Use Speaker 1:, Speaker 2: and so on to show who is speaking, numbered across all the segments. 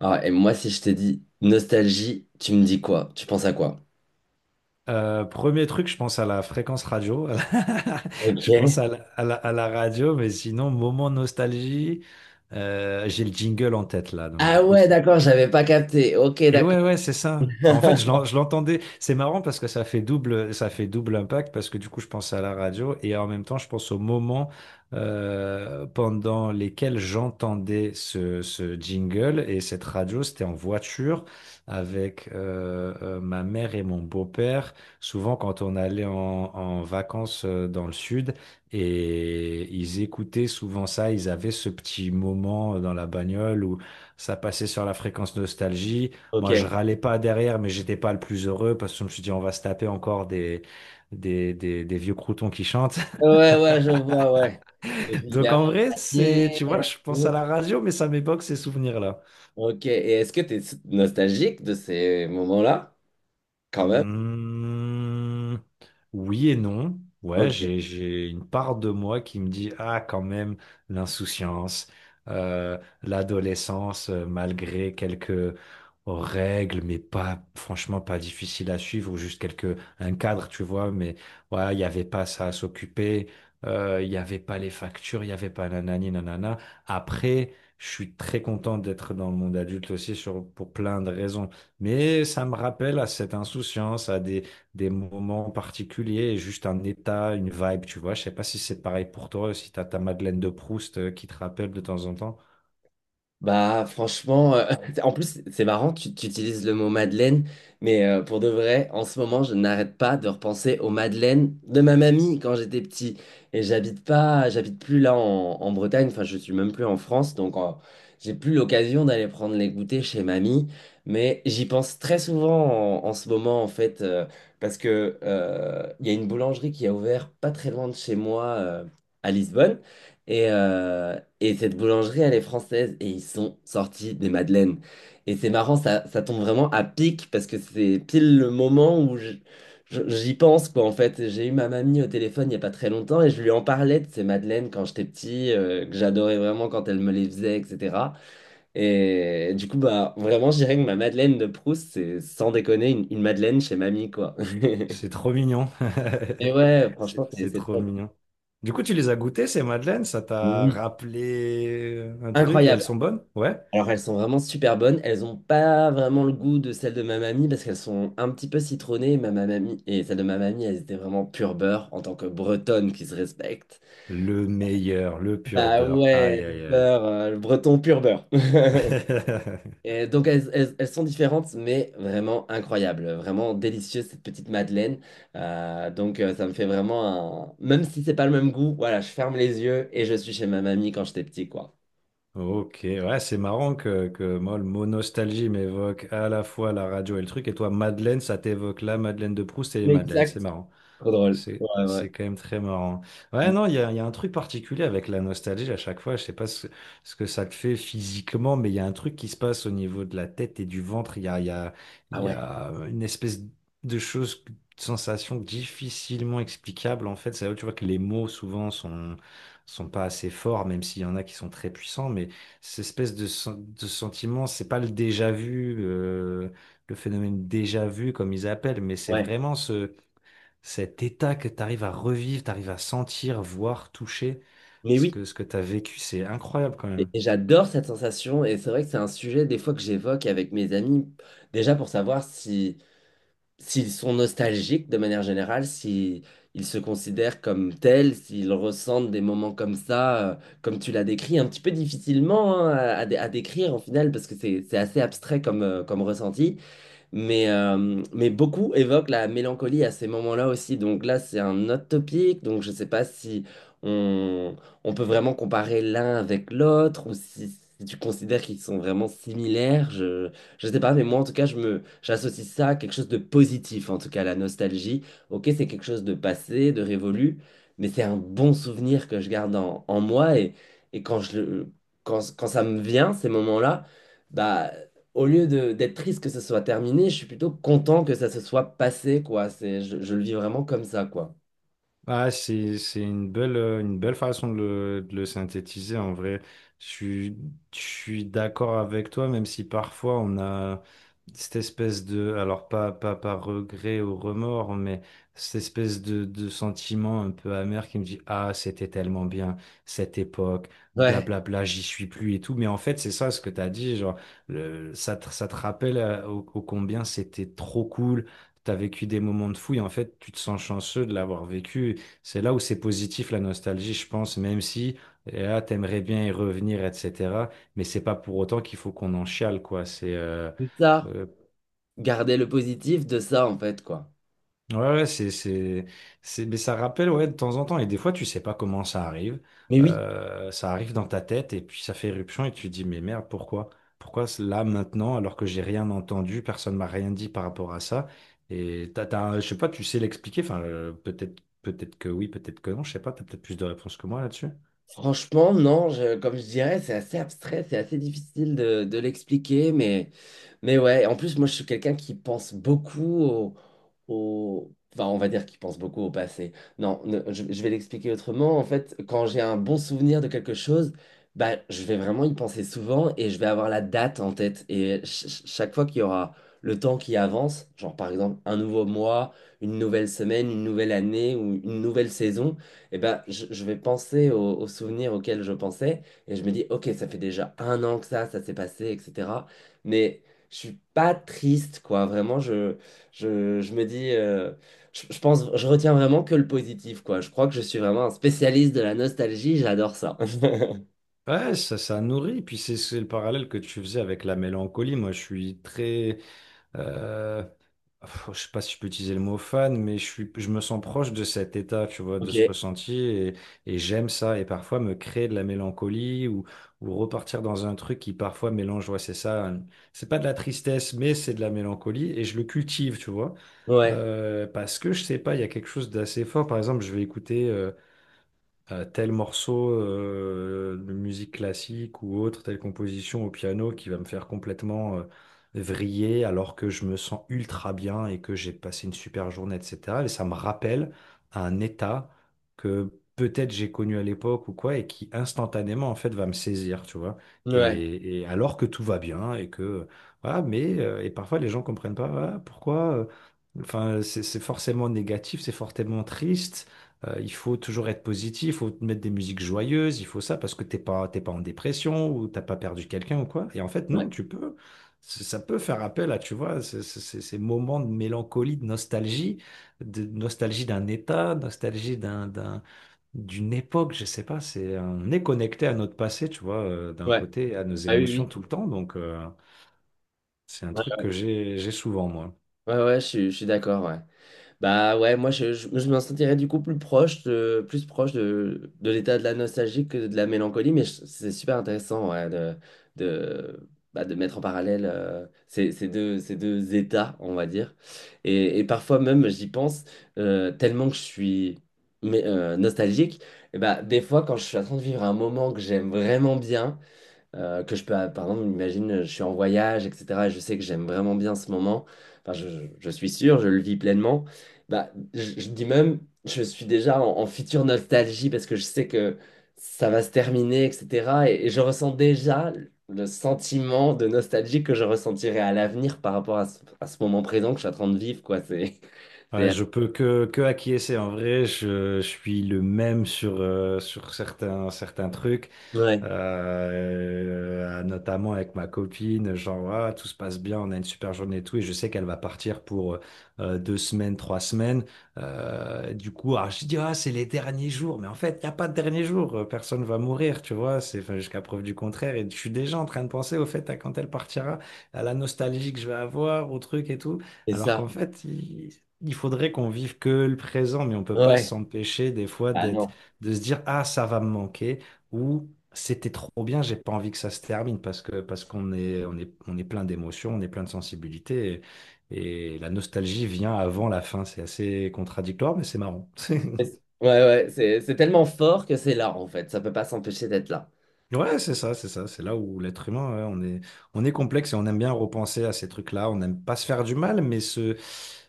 Speaker 1: Ah, et moi, si je t'ai dit nostalgie, tu me dis quoi? Tu penses à quoi?
Speaker 2: Premier truc, je pense à la fréquence radio. Je pense
Speaker 1: Ok.
Speaker 2: à la, à la radio. Mais sinon, moment nostalgie, j'ai le jingle en tête là, donc du
Speaker 1: Ah
Speaker 2: coup,
Speaker 1: ouais,
Speaker 2: c'est
Speaker 1: d'accord, j'avais pas capté. Ok,
Speaker 2: et
Speaker 1: d'accord.
Speaker 2: ouais, ouais, c'est ça. Bah, en fait, je l'entendais. C'est marrant parce que ça fait double impact parce que du coup, je pense à la radio et en même temps, je pense au moment pendant lesquels j'entendais ce jingle et cette radio. C'était en voiture avec ma mère et mon beau-père. Souvent, quand on allait en vacances dans le sud, et ils écoutaient souvent ça, ils avaient ce petit moment dans la bagnole où ça passait sur la fréquence nostalgie.
Speaker 1: Ok.
Speaker 2: Moi, je
Speaker 1: Ouais,
Speaker 2: râlais pas derrière, mais j'étais pas le plus heureux parce que je me suis dit, on va se taper encore des vieux croutons qui chantent.
Speaker 1: ouais, je vois, ouais. Je
Speaker 2: Donc,
Speaker 1: libère
Speaker 2: en
Speaker 1: mon
Speaker 2: vrai, c'est,
Speaker 1: pied.
Speaker 2: tu vois, je pense à la radio, mais ça m'évoque ces souvenirs-là.
Speaker 1: Ok, et est-ce que tu es nostalgique de ces moments-là? Quand même.
Speaker 2: Hmm, oui et non. Ouais,
Speaker 1: Ok.
Speaker 2: j'ai une part de moi qui me dit, ah, quand même, l'insouciance, l'adolescence, malgré quelques règles, mais pas, franchement, pas difficile à suivre, ou juste quelques, un cadre, tu vois, mais ouais, il n'y avait pas ça à s'occuper, il n'y avait pas les factures, il n'y avait pas nanani, nanana. Après, je suis très content d'être dans le monde adulte aussi sur, pour plein de raisons. Mais ça me rappelle à cette insouciance, à des moments particuliers, juste un état, une vibe, tu vois. Je sais pas si c'est pareil pour toi, si t'as ta Madeleine de Proust qui te rappelle de temps en temps.
Speaker 1: Bah franchement, en plus c'est marrant, tu utilises le mot Madeleine, mais pour de vrai, en ce moment je n'arrête pas de repenser aux madeleines de ma mamie quand j'étais petit. Et j'habite pas, j'habite plus en Bretagne, enfin je suis même plus en France, donc j'ai plus l'occasion d'aller prendre les goûters chez mamie. Mais j'y pense très souvent en ce moment en fait, parce que il y a une boulangerie qui a ouvert pas très loin de chez moi à Lisbonne. Et cette boulangerie, elle est française et ils sont sortis des madeleines. Et c'est marrant, ça tombe vraiment à pic parce que c'est pile le moment où j'y pense, quoi. En fait, j'ai eu ma mamie au téléphone il n'y a pas très longtemps et je lui en parlais de ces madeleines quand j'étais petit, que j'adorais vraiment quand elle me les faisait, etc. Et du coup, bah, vraiment, je dirais que ma madeleine de Proust, c'est sans déconner une madeleine chez mamie, quoi.
Speaker 2: C'est trop mignon.
Speaker 1: Et ouais,
Speaker 2: C'est
Speaker 1: franchement,
Speaker 2: c'est
Speaker 1: c'est
Speaker 2: trop
Speaker 1: top.
Speaker 2: mignon. Du coup, tu les as goûtées, ces Madeleines? Ça t'a
Speaker 1: Oui.
Speaker 2: rappelé un truc, et elles
Speaker 1: Incroyable.
Speaker 2: sont bonnes? Ouais.
Speaker 1: Alors, elles sont vraiment super bonnes. Elles n'ont pas vraiment le goût de celles de ma mamie parce qu'elles sont un petit peu citronnées. Ma mamie et celles de ma mamie, elles étaient vraiment pur beurre en tant que bretonne qui se respecte.
Speaker 2: Le meilleur, le pur
Speaker 1: Bah
Speaker 2: beurre.
Speaker 1: ouais,
Speaker 2: Aïe,
Speaker 1: le
Speaker 2: aïe,
Speaker 1: beurre, le breton pur beurre.
Speaker 2: aïe.
Speaker 1: Et donc, elles sont différentes, mais vraiment incroyables. Vraiment délicieuses, cette petite madeleine. Ça me fait vraiment un... Même si c'est pas le même goût, voilà, je ferme les yeux et je suis chez ma mamie quand j'étais petit, quoi.
Speaker 2: Ok, ouais, c'est marrant que moi, le mot nostalgie m'évoque à la fois la radio et le truc, et toi, Madeleine, ça t'évoque la Madeleine de Proust et les Madeleines, c'est
Speaker 1: Exact.
Speaker 2: marrant.
Speaker 1: Trop drôle. Ouais, ouais.
Speaker 2: C'est quand même très marrant. Ouais, non, il y a un truc particulier avec la nostalgie à chaque fois. Je sais pas ce que ça te fait physiquement, mais il y a un truc qui se passe au niveau de la tête et du ventre. Il
Speaker 1: Ah
Speaker 2: y
Speaker 1: ouais,
Speaker 2: a une espèce de chose, de sensation difficilement explicable. En fait, c'est là où tu vois que les mots souvent sont pas assez forts, même s'il y en a qui sont très puissants. Mais cette espèce de sentiment, c'est pas le déjà vu, le phénomène déjà vu comme ils appellent, mais c'est
Speaker 1: ouais.
Speaker 2: vraiment ce cet état que tu arrives à revivre, tu arrives à sentir, voir, toucher
Speaker 1: Mais oui,
Speaker 2: ce que tu as vécu, c'est incroyable quand même.
Speaker 1: et j'adore cette sensation, et c'est vrai que c'est un sujet des fois que j'évoque avec mes amis, déjà pour savoir si s'ils sont nostalgiques de manière générale, si ils se considèrent comme tels, s'ils ressentent des moments comme ça, comme tu l'as décrit, un petit peu difficilement hein, à décrire en final, parce que c'est assez abstrait comme, comme ressenti. Mais beaucoup évoquent la mélancolie à ces moments-là aussi. Donc là, c'est un autre topic. Donc je ne sais pas si on, on peut vraiment comparer l'un avec l'autre ou si tu considères qu'ils sont vraiment similaires. Je ne sais pas, mais moi, en tout cas, j'associe ça à quelque chose de positif, en tout cas, la nostalgie. Ok, c'est quelque chose de passé, de révolu, mais c'est un bon souvenir que je garde en moi. Et quand quand ça me vient, ces moments-là, bah, au lieu de d'être triste que ça soit terminé, je suis plutôt content que ça se soit passé, quoi. C'est, je le vis vraiment comme ça, quoi.
Speaker 2: Ah, c'est une belle façon de le synthétiser en vrai. Je suis, je suis d'accord avec toi, même si parfois on a cette espèce de, alors pas, pas par regret ou remords, mais cette espèce de sentiment un peu amer qui me dit, ah, c'était tellement bien, cette époque,
Speaker 1: Ouais,
Speaker 2: blablabla, j'y suis plus et tout. Mais en fait, c'est ça ce que tu as dit, genre, ça te rappelle au au combien c'était trop cool. T'as vécu des moments de fou et en fait, tu te sens chanceux de l'avoir vécu. C'est là où c'est positif la nostalgie, je pense, même si et là t'aimerais bien y revenir, etc. Mais c'est pas pour autant qu'il faut qu'on en chiale, quoi. C'est
Speaker 1: c'est ça.
Speaker 2: euh,
Speaker 1: Garder le positif de ça, en fait, quoi.
Speaker 2: ouais, ouais, c'est mais ça rappelle ouais de temps en temps, et des fois tu sais pas comment ça arrive.
Speaker 1: Mais oui,
Speaker 2: Ça arrive dans ta tête et puis ça fait éruption et tu te dis mais merde pourquoi? Pourquoi c'est là maintenant alors que j'ai rien entendu, personne m'a rien dit par rapport à ça, et je sais pas, tu sais l'expliquer, enfin peut-être que oui, peut-être que non, je sais pas, t'as peut-être plus de réponses que moi là-dessus.
Speaker 1: franchement, non, je- comme je dirais, c'est assez abstrait, c'est assez difficile de l'expliquer, mais ouais, en plus, moi, je suis quelqu'un qui pense beaucoup au... Enfin, on va dire qu'il pense beaucoup au passé. Non, ne- je vais l'expliquer autrement. En fait, quand j'ai un bon souvenir de quelque chose, bah, je vais vraiment y penser souvent et je vais avoir la date en tête. Et chaque fois qu'il y aura le temps qui avance, genre par exemple un nouveau mois, une nouvelle semaine, une nouvelle année ou une nouvelle saison, eh ben, je vais penser aux souvenirs auxquels je pensais et je me dis, ok, ça fait déjà un an que ça s'est passé, etc. Mais je suis pas triste, quoi. Vraiment, je... je me dis, je pense, je retiens vraiment que le positif, quoi. Je crois que je suis vraiment un spécialiste de la nostalgie, j'adore ça.
Speaker 2: Ouais, ça nourrit. Puis c'est le parallèle que tu faisais avec la mélancolie. Moi, je suis très, euh, pff, je sais pas si je peux utiliser le mot fan, mais je suis, je me sens proche de cet état, tu vois, de ce
Speaker 1: Ok.
Speaker 2: ressenti, et j'aime ça. Et parfois, me créer de la mélancolie ou repartir dans un truc qui parfois mélange, ouais, c'est ça, hein. C'est pas de la tristesse, mais c'est de la mélancolie, et je le cultive, tu vois.
Speaker 1: Ouais,
Speaker 2: Parce que je sais pas, il y a quelque chose d'assez fort. Par exemple, je vais écouter tel morceau de musique classique ou autre, telle composition au piano qui va me faire complètement vriller alors que je me sens ultra bien et que j'ai passé une super journée, etc. Et ça me rappelle un état que peut-être j'ai connu à l'époque ou quoi et qui instantanément en fait va me saisir, tu vois.
Speaker 1: ouais,
Speaker 2: Et alors que tout va bien et que voilà, mais et parfois les gens comprennent pas ah, pourquoi. Enfin, c'est forcément négatif, c'est forcément triste. Il faut toujours être positif, il faut mettre des musiques joyeuses, il faut ça parce que t'es pas en dépression ou t'as pas perdu quelqu'un ou quoi. Et en fait,
Speaker 1: ouais,
Speaker 2: non, tu peux. Ça peut faire appel à, tu vois, ces moments de mélancolie, de nostalgie d'un état, nostalgie d'une époque, je sais pas. C'est, on est connecté à notre passé, tu vois, d'un
Speaker 1: ouais.
Speaker 2: côté, à nos
Speaker 1: Ah oui,
Speaker 2: émotions
Speaker 1: oui.
Speaker 2: tout le temps. Donc, c'est un truc
Speaker 1: Ouais,
Speaker 2: que j'ai souvent, moi.
Speaker 1: ouais, ouais, je suis d'accord, ouais. Bah ouais, je me sentirais du coup plus proche plus proche de l'état de la nostalgie que de la mélancolie, mais je- c'est super intéressant ouais, bah, de mettre en parallèle ces deux états, on va dire. Et parfois même, j'y pense tellement que je suis mais, nostalgique, et bah, des fois quand je suis en train de vivre un moment que j'aime vraiment bien, que je peux, par exemple, imagine, je suis en voyage, etc. et je sais que j'aime vraiment bien ce moment. Enfin, je suis sûr, je le vis pleinement. Bah, je dis même, je suis déjà en future nostalgie parce que je sais que ça va se terminer, etc. Et je ressens déjà le sentiment de nostalgie que je ressentirai à l'avenir par rapport à à ce moment présent que je suis en train de vivre, quoi. C'est,
Speaker 2: Ouais,
Speaker 1: c'est,
Speaker 2: je peux que acquiescer. En vrai, je suis le même sur, sur certains, certains trucs.
Speaker 1: ouais,
Speaker 2: Notamment avec ma copine. Genre, ah, tout se passe bien, on a une super journée et tout. Et je sais qu'elle va partir pour deux semaines, trois semaines. Du coup, alors, je dis, ah, c'est les derniers jours. Mais en fait, il n'y a pas de dernier jour. Personne va mourir, tu vois. C'est enfin, jusqu'à preuve du contraire. Et je suis déjà en train de penser au fait à quand elle partira, à la nostalgie que je vais avoir, au truc et tout.
Speaker 1: c'est
Speaker 2: Alors
Speaker 1: ça.
Speaker 2: qu'en fait, il faudrait qu'on vive que le présent, mais on peut pas
Speaker 1: Ouais.
Speaker 2: s'empêcher des fois
Speaker 1: Ah
Speaker 2: d'être,
Speaker 1: non.
Speaker 2: de se dire, ah, ça va me manquer, ou c'était trop bien, j'ai pas envie que ça se termine, parce que, parce qu'on est plein d'émotions, on est plein de sensibilité, et la nostalgie vient avant la fin. C'est assez contradictoire, mais c'est marrant.
Speaker 1: Ouais, ouais, c'est tellement fort que c'est là, en fait. Ça peut pas s'empêcher d'être là.
Speaker 2: Ouais, c'est ça, c'est ça. C'est là où l'être humain, ouais, on est complexe et on aime bien repenser à ces trucs-là. On n'aime pas se faire du mal, mais se,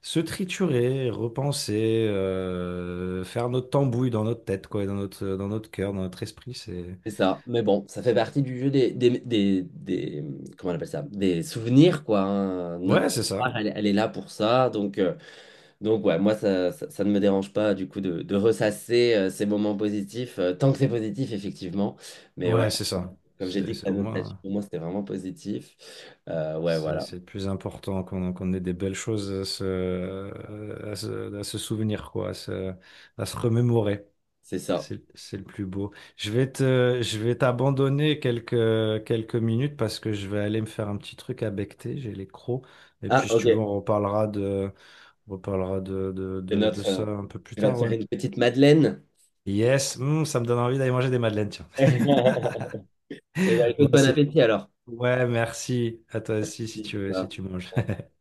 Speaker 2: se triturer, repenser, faire notre tambouille dans notre tête, quoi, et dans notre cœur, dans notre esprit. C'est,
Speaker 1: C'est ça, mais bon, ça fait partie du jeu comment on appelle ça? Des souvenirs, quoi. Hein. Notre
Speaker 2: ouais, c'est
Speaker 1: mémoire,
Speaker 2: ça.
Speaker 1: elle, elle est là pour ça, donc ouais, moi, ça ne me dérange pas, du coup, de ressasser ces moments positifs, tant que c'est positif, effectivement. Mais ouais,
Speaker 2: Ouais, c'est ça.
Speaker 1: comme j'ai dit que
Speaker 2: C'est
Speaker 1: la
Speaker 2: au
Speaker 1: nostalgie,
Speaker 2: moins,
Speaker 1: pour moi, c'était vraiment positif. Ouais, voilà,
Speaker 2: c'est le plus important qu'on, qu'on ait des belles choses à à se souvenir, quoi, à se remémorer.
Speaker 1: c'est ça.
Speaker 2: C'est le plus beau. Je vais te, je vais t'abandonner quelques minutes parce que je vais aller me faire un petit truc à becqueter, j'ai les crocs. Et
Speaker 1: Ah,
Speaker 2: puis si
Speaker 1: ok,
Speaker 2: tu veux, on reparlera de, on reparlera
Speaker 1: c'est
Speaker 2: de
Speaker 1: notre...
Speaker 2: ça un peu plus
Speaker 1: tu vas te
Speaker 2: tard, ouais.
Speaker 1: faire une petite madeleine.
Speaker 2: Yes, hmm, ça me donne envie d'aller manger des madeleines, tiens.
Speaker 1: Eh ben,
Speaker 2: Bon,
Speaker 1: écoute, bon
Speaker 2: c'est...
Speaker 1: appétit, alors.
Speaker 2: Ouais, merci. À toi aussi si tu veux, si tu manges.